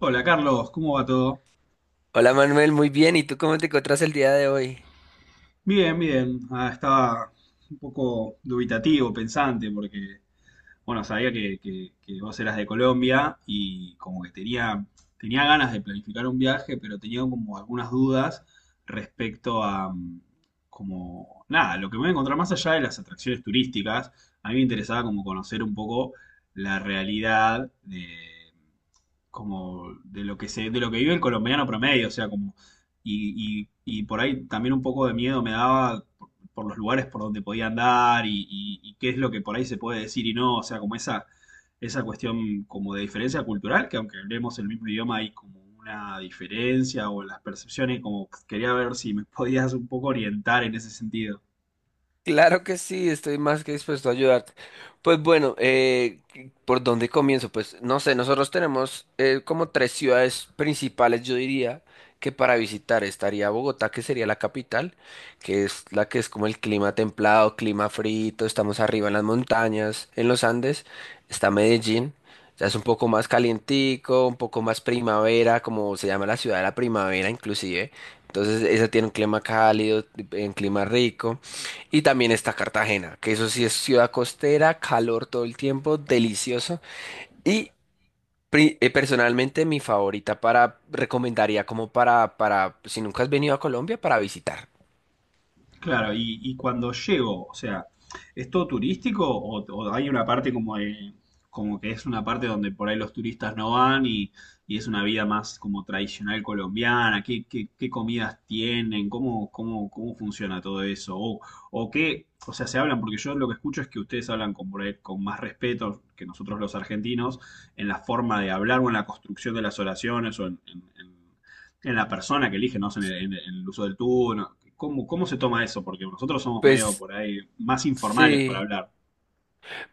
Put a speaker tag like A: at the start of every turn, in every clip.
A: Hola Carlos, ¿cómo va todo?
B: Hola Manuel, muy bien. ¿Y tú cómo te encuentras el día de hoy?
A: Bien, bien. Estaba un poco dubitativo, pensante, porque bueno, sabía que vos eras de Colombia y como que tenía ganas de planificar un viaje, pero tenía como algunas dudas respecto a, como, nada, lo que me voy a encontrar más allá de las atracciones turísticas. A mí me interesaba como conocer un poco la realidad de, como, de lo que de lo que vive el colombiano promedio, o sea, como, y por ahí también un poco de miedo me daba por los lugares por donde podía andar, y qué es lo que por ahí se puede decir y no, o sea, como esa cuestión como de diferencia cultural, que aunque hablemos el mismo idioma hay como una diferencia o las percepciones, como quería ver si me podías un poco orientar en ese sentido.
B: Claro que sí, estoy más que dispuesto a ayudarte. Pues bueno, ¿por dónde comienzo? Pues no sé, nosotros tenemos como tres ciudades principales, yo diría, que para visitar estaría Bogotá, que sería la capital, que es la que es como el clima templado, clima frito, estamos arriba en las montañas, en los Andes. Está Medellín, ya es un poco más calientico, un poco más primavera, como se llama la ciudad de la primavera inclusive. Entonces esa tiene un clima cálido, un clima rico. Y también está Cartagena, que eso sí es ciudad costera, calor todo el tiempo, delicioso. Y Personalmente mi favorita para, recomendaría como para, si nunca has venido a Colombia, para visitar.
A: Claro, y cuando llego, o sea, ¿es todo turístico o hay una parte como que es una parte donde por ahí los turistas no van y es una vida más como tradicional colombiana? ¿Qué, qué comidas tienen? ¿Cómo, cómo, cómo funciona todo eso? O qué, o sea, se hablan, porque yo lo que escucho es que ustedes hablan con, por ahí con más respeto que nosotros los argentinos en la forma de hablar o en la construcción de las oraciones o en la persona que elige, no sé, en el uso del tú. ¿Cómo, cómo se toma eso? Porque nosotros somos medio
B: Pues
A: por ahí más informales para
B: sí.
A: hablar.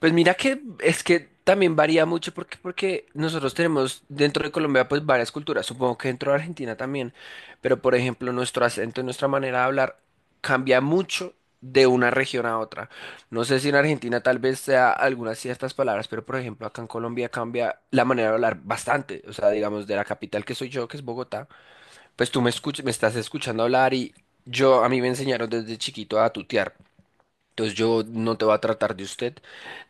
B: Pues mira que es que también varía mucho porque, porque nosotros tenemos dentro de Colombia pues varias culturas, supongo que dentro de Argentina también, pero por ejemplo nuestro acento y nuestra manera de hablar cambia mucho de una región a otra. No sé si en Argentina tal vez sea algunas ciertas palabras, pero por ejemplo acá en Colombia cambia la manera de hablar bastante, o sea, digamos de la capital que soy yo, que es Bogotá, pues me estás escuchando hablar y yo a mí me enseñaron desde chiquito a tutear. Entonces yo no te voy a tratar de usted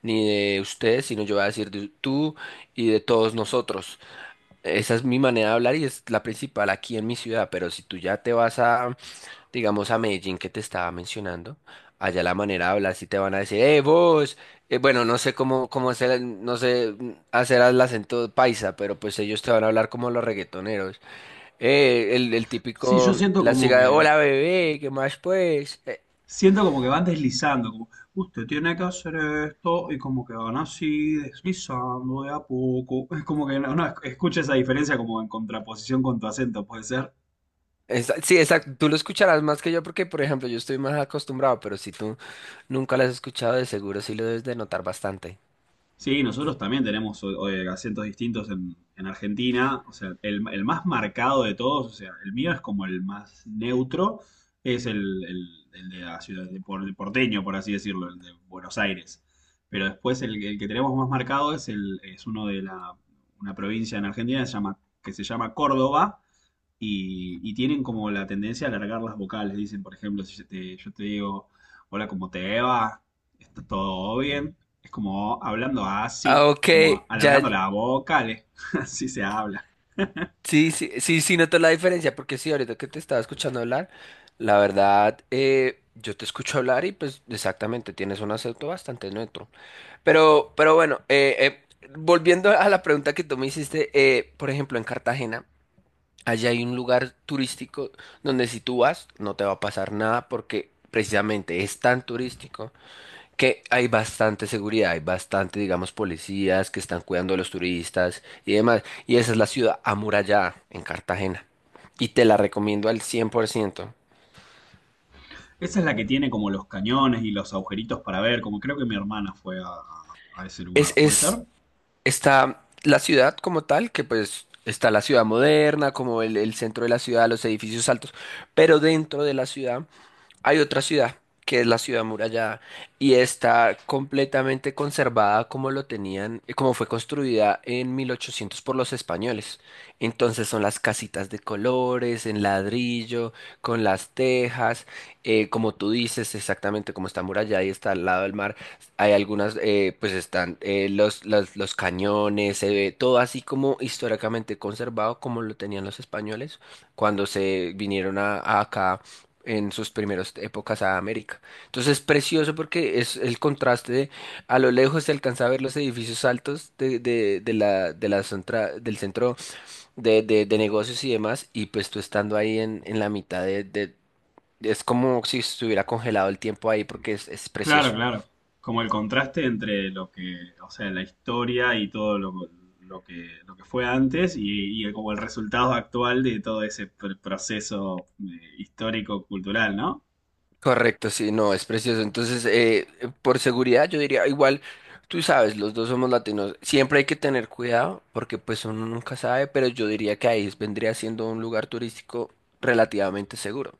B: ni de usted, sino yo voy a decir de tú y de todos nosotros. Esa es mi manera de hablar y es la principal aquí en mi ciudad, pero si tú ya te vas a, digamos, a Medellín que te estaba mencionando, allá la manera de hablar sí te van a decir, vos. Bueno, no sé cómo, cómo hacer, no sé hacer el acento paisa, pero pues ellos te van a hablar como los reggaetoneros. El
A: Sí, yo
B: típico, la chica de, hola bebé, ¿qué más pues?
A: siento como que van deslizando, como usted tiene que hacer esto y como que van así deslizando de a poco. Es como que no, no, escucha esa diferencia como en contraposición con tu acento, puede ser.
B: Sí, exacto. Tú lo escucharás más que yo porque, por ejemplo, yo estoy más acostumbrado, pero si tú nunca lo has escuchado, de seguro sí lo debes de notar bastante.
A: Sí, nosotros también tenemos acentos distintos en Argentina. O sea, el más marcado de todos, o sea, el mío es como el más neutro, es el de la ciudad, el porteño, por así decirlo, el de Buenos Aires. Pero después el que tenemos más marcado es, el, es uno de la, una provincia en Argentina que se llama Córdoba, y tienen como la tendencia a alargar las vocales. Dicen, por ejemplo, si yo te, yo te digo, hola, ¿cómo te va? ¿Está todo bien? Es como hablando así,
B: Ah, ok,
A: como
B: ya,
A: alargando las vocales, así se habla.
B: sí, sí, sí, sí noto la diferencia, porque sí, ahorita que te estaba escuchando hablar, la verdad, yo te escucho hablar y pues exactamente, tienes un acento bastante neutro. Pero bueno, volviendo a la pregunta que tú me hiciste, por ejemplo, en Cartagena. Allá hay un lugar turístico donde si tú vas no te va a pasar nada porque precisamente es tan turístico que hay bastante seguridad, hay bastante, digamos, policías que están cuidando a los turistas y demás. Y esa es la ciudad amurallada en Cartagena. Y te la recomiendo al cien por ciento.
A: Esa es la que tiene como los cañones y los agujeritos para ver, como creo que mi hermana fue a ese lugar, ¿puede
B: Es,
A: ser?
B: está la ciudad como tal, que pues está la ciudad moderna, como el centro de la ciudad, los edificios altos, pero dentro de la ciudad hay otra ciudad, que es la ciudad amurallada, y está completamente conservada como lo tenían, como fue construida en 1800 por los españoles. Entonces son las casitas de colores, en ladrillo, con las tejas, como tú dices, exactamente como está amurallada y está al lado del mar. Hay algunas, pues están los cañones, se ve todo así como históricamente conservado como lo tenían los españoles cuando se vinieron a acá en sus primeras épocas a América. Entonces es precioso porque es el contraste de a lo lejos se alcanza a ver los edificios altos de la del centro de negocios y demás, y pues tú estando ahí en la mitad de- es como si estuviera congelado el tiempo ahí porque es
A: Claro,
B: precioso.
A: claro. Como el contraste entre lo que, o sea, la historia y todo lo que fue antes y como el resultado actual de todo ese proceso histórico-cultural, ¿no?
B: Correcto, sí, no, es precioso. Entonces, por seguridad, yo diría, igual, tú sabes, los dos somos latinos. Siempre hay que tener cuidado porque pues uno nunca sabe, pero yo diría que ahí vendría siendo un lugar turístico relativamente seguro.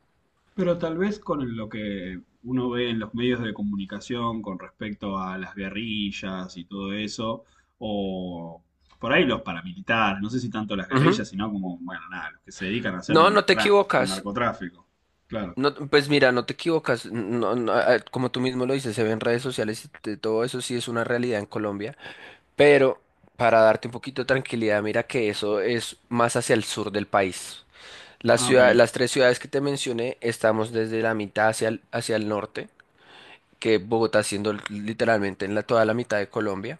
A: Pero tal vez con lo que uno ve en los medios de comunicación con respecto a las guerrillas y todo eso, o por ahí los paramilitares, no sé si tanto las
B: Ujú.
A: guerrillas, sino como, bueno, nada, los que se dedican a hacer
B: No,
A: un
B: no te
A: tráfico,
B: equivocas.
A: narcotráfico. Claro.
B: No, pues mira, no te equivocas. No, no, ah, como tú mismo lo dices, se ve en redes sociales y de todo eso sí es una realidad en Colombia. Pero para darte un poquito de tranquilidad, mira que eso es más hacia el sur del país.
A: Ah, ok.
B: Las tres ciudades que te mencioné, estamos desde la mitad hacia el norte, que Bogotá siendo literalmente en la, toda la mitad de Colombia,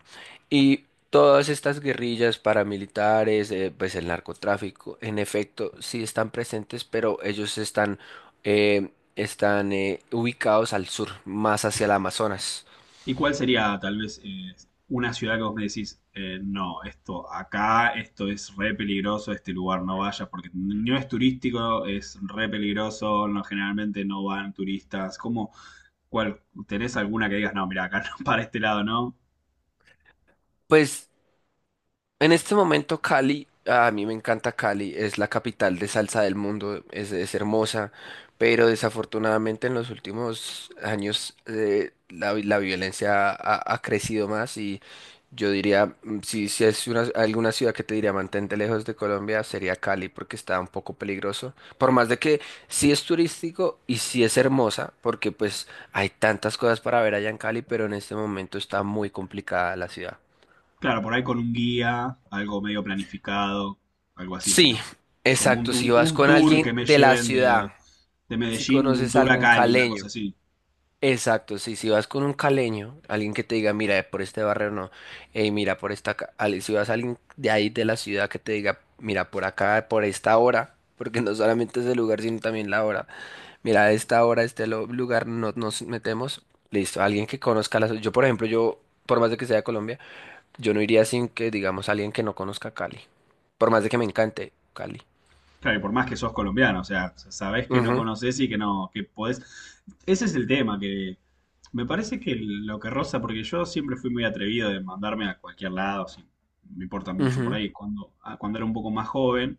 B: y todas estas guerrillas paramilitares, pues el narcotráfico, en efecto, sí están presentes, pero ellos están, eh, están ubicados al sur, más hacia el Amazonas.
A: ¿Y cuál sería tal vez una ciudad que vos me decís, no, esto acá, esto es re peligroso, este lugar no vayas porque no es turístico, es re peligroso, no, generalmente no van turistas? ¿Cómo, cuál, tenés alguna que digas, no, mira, acá no, para este lado, ¿no?
B: Pues en este momento Cali, a mí me encanta Cali, es la capital de salsa del mundo, es hermosa, pero desafortunadamente en los últimos años la violencia ha, ha crecido más y yo diría, si, si es una, alguna ciudad que te diría mantente lejos de Colombia, sería Cali porque está un poco peligroso, por más de que sí es turístico y sí es hermosa, porque pues hay tantas cosas para ver allá en Cali, pero en este momento está muy complicada la ciudad.
A: Claro, por ahí con un guía, algo medio planificado, algo así, si
B: Sí,
A: no. Como un,
B: exacto. Si vas
A: un
B: con
A: tour que
B: alguien
A: me
B: de la
A: lleven
B: ciudad,
A: de
B: si
A: Medellín, un
B: conoces a
A: tour a
B: algún
A: Cali, una cosa
B: caleño,
A: así.
B: exacto. Sí, si vas con un caleño, alguien que te diga, mira, por este barrio no, mira, por esta. Si vas a alguien de ahí de la ciudad que te diga, mira, por acá, por esta hora, porque no solamente es el lugar, sino también la hora. Mira, a esta hora, lugar, no nos metemos. Listo, alguien que conozca la ciudad. Yo, por ejemplo, yo, por más de que sea de Colombia, yo no iría sin que, digamos, alguien que no conozca Cali. Por más de que me encante Cali.
A: Claro, y por más que sos colombiano, o sea, sabés que no conocés y que no, que podés. Ese es el tema, que me parece que lo que roza, porque yo siempre fui muy atrevido de mandarme a cualquier lado, sin- me importa mucho por
B: Ujú.
A: ahí, cuando, cuando era un poco más joven,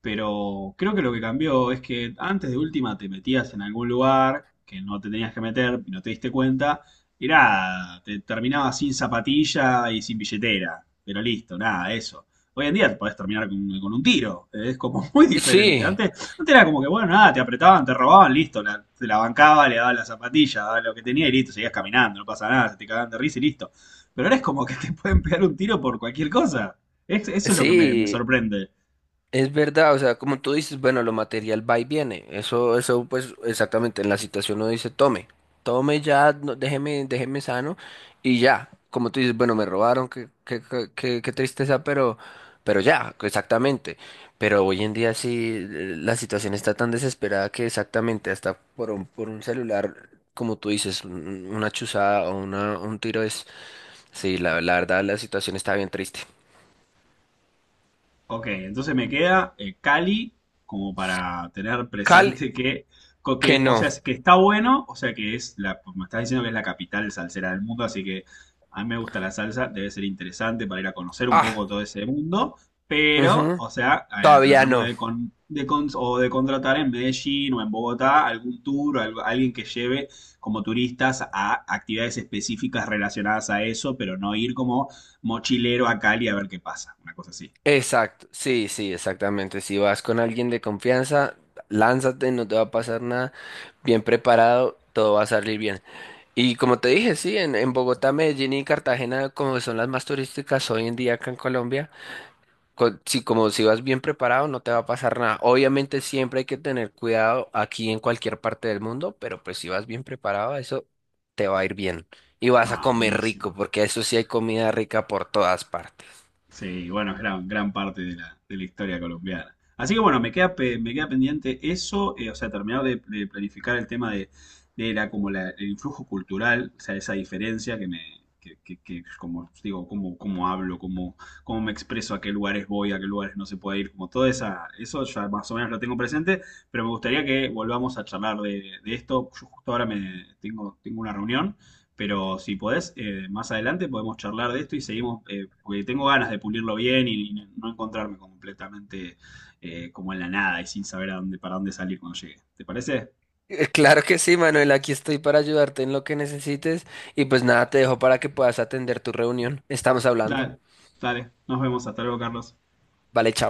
A: pero creo que lo que cambió es que antes de última te metías en algún lugar que no te tenías que meter y no te diste cuenta, y nada, te terminabas sin zapatilla y sin billetera, pero listo, nada, eso. Hoy en día te podés terminar con un tiro. Es como muy diferente.
B: Sí,
A: Antes, antes era como que, bueno, nada, te apretaban, te robaban, listo. La, te la bancaba, le daban la zapatilla, daba lo que tenía y listo. Seguías caminando, no pasa nada, se te cagaban de risa y listo. Pero ahora es como que te pueden pegar un tiro por cualquier cosa. Eso es lo que me
B: sí,
A: sorprende.
B: es verdad, o sea, como tú dices, bueno, lo material va y viene, eso, pues, exactamente, en la situación uno dice, tome, tome ya, no, déjeme, déjeme sano, y ya, como tú dices, bueno, me robaron, qué, qué, qué, qué tristeza, pero ya, exactamente, pero hoy en día sí, la situación está tan desesperada que exactamente, hasta por un celular, como tú dices, una chuzada o una, un tiro es, sí, la verdad, la situación está bien triste.
A: Ok, entonces me queda Cali como para tener
B: Cal
A: presente que,
B: Que
A: que, o
B: no.
A: sea, que está bueno, o sea que es la, me estás diciendo que es la capital salsera del mundo, así que a mí me gusta la salsa, debe ser interesante para ir a conocer un
B: Ah,
A: poco todo ese mundo, pero,
B: ujú,
A: o sea,
B: todavía
A: tratando
B: no.
A: de, con, o de contratar en Medellín o en Bogotá algún tour, alguien que lleve como turistas a actividades específicas relacionadas a eso, pero no ir como mochilero a Cali a ver qué pasa, una cosa así.
B: Exacto. Sí, sí, exactamente. Si vas con alguien de confianza, lánzate, no te va a pasar nada. Bien preparado, todo va a salir bien. Y como te dije, sí, en Bogotá, Medellín y Cartagena, como son las más turísticas hoy en día acá en Colombia. Si como si vas bien preparado, no te va a pasar nada. Obviamente siempre hay que tener cuidado aquí en cualquier parte del mundo, pero pues si vas bien preparado, eso te va a ir bien. Y vas a
A: Ah,
B: comer rico,
A: buenísimo.
B: porque eso sí hay comida rica por todas partes.
A: Sí, bueno, es gran, gran parte de la historia colombiana. Así que bueno, me queda, me queda pendiente eso, o sea, terminar de planificar el tema de la, el influjo cultural, o sea, esa diferencia que me, que, como digo, cómo, cómo hablo, cómo, cómo me expreso, a qué lugares voy, a qué lugares no se puede ir, como toda esa, eso ya más o menos lo tengo presente, pero me gustaría que volvamos a charlar de esto. Yo justo ahora me tengo, tengo una reunión. Pero si podés, más adelante podemos charlar de esto y seguimos, porque tengo ganas de pulirlo bien y no encontrarme completamente como en la nada y sin saber a dónde, para dónde salir cuando llegue. ¿Te parece?
B: Claro que sí, Manuel, aquí estoy para ayudarte en lo que necesites. Y pues nada, te dejo para que puedas atender tu reunión. Estamos hablando.
A: Dale, dale. Nos vemos. Hasta luego, Carlos.
B: Vale, chao.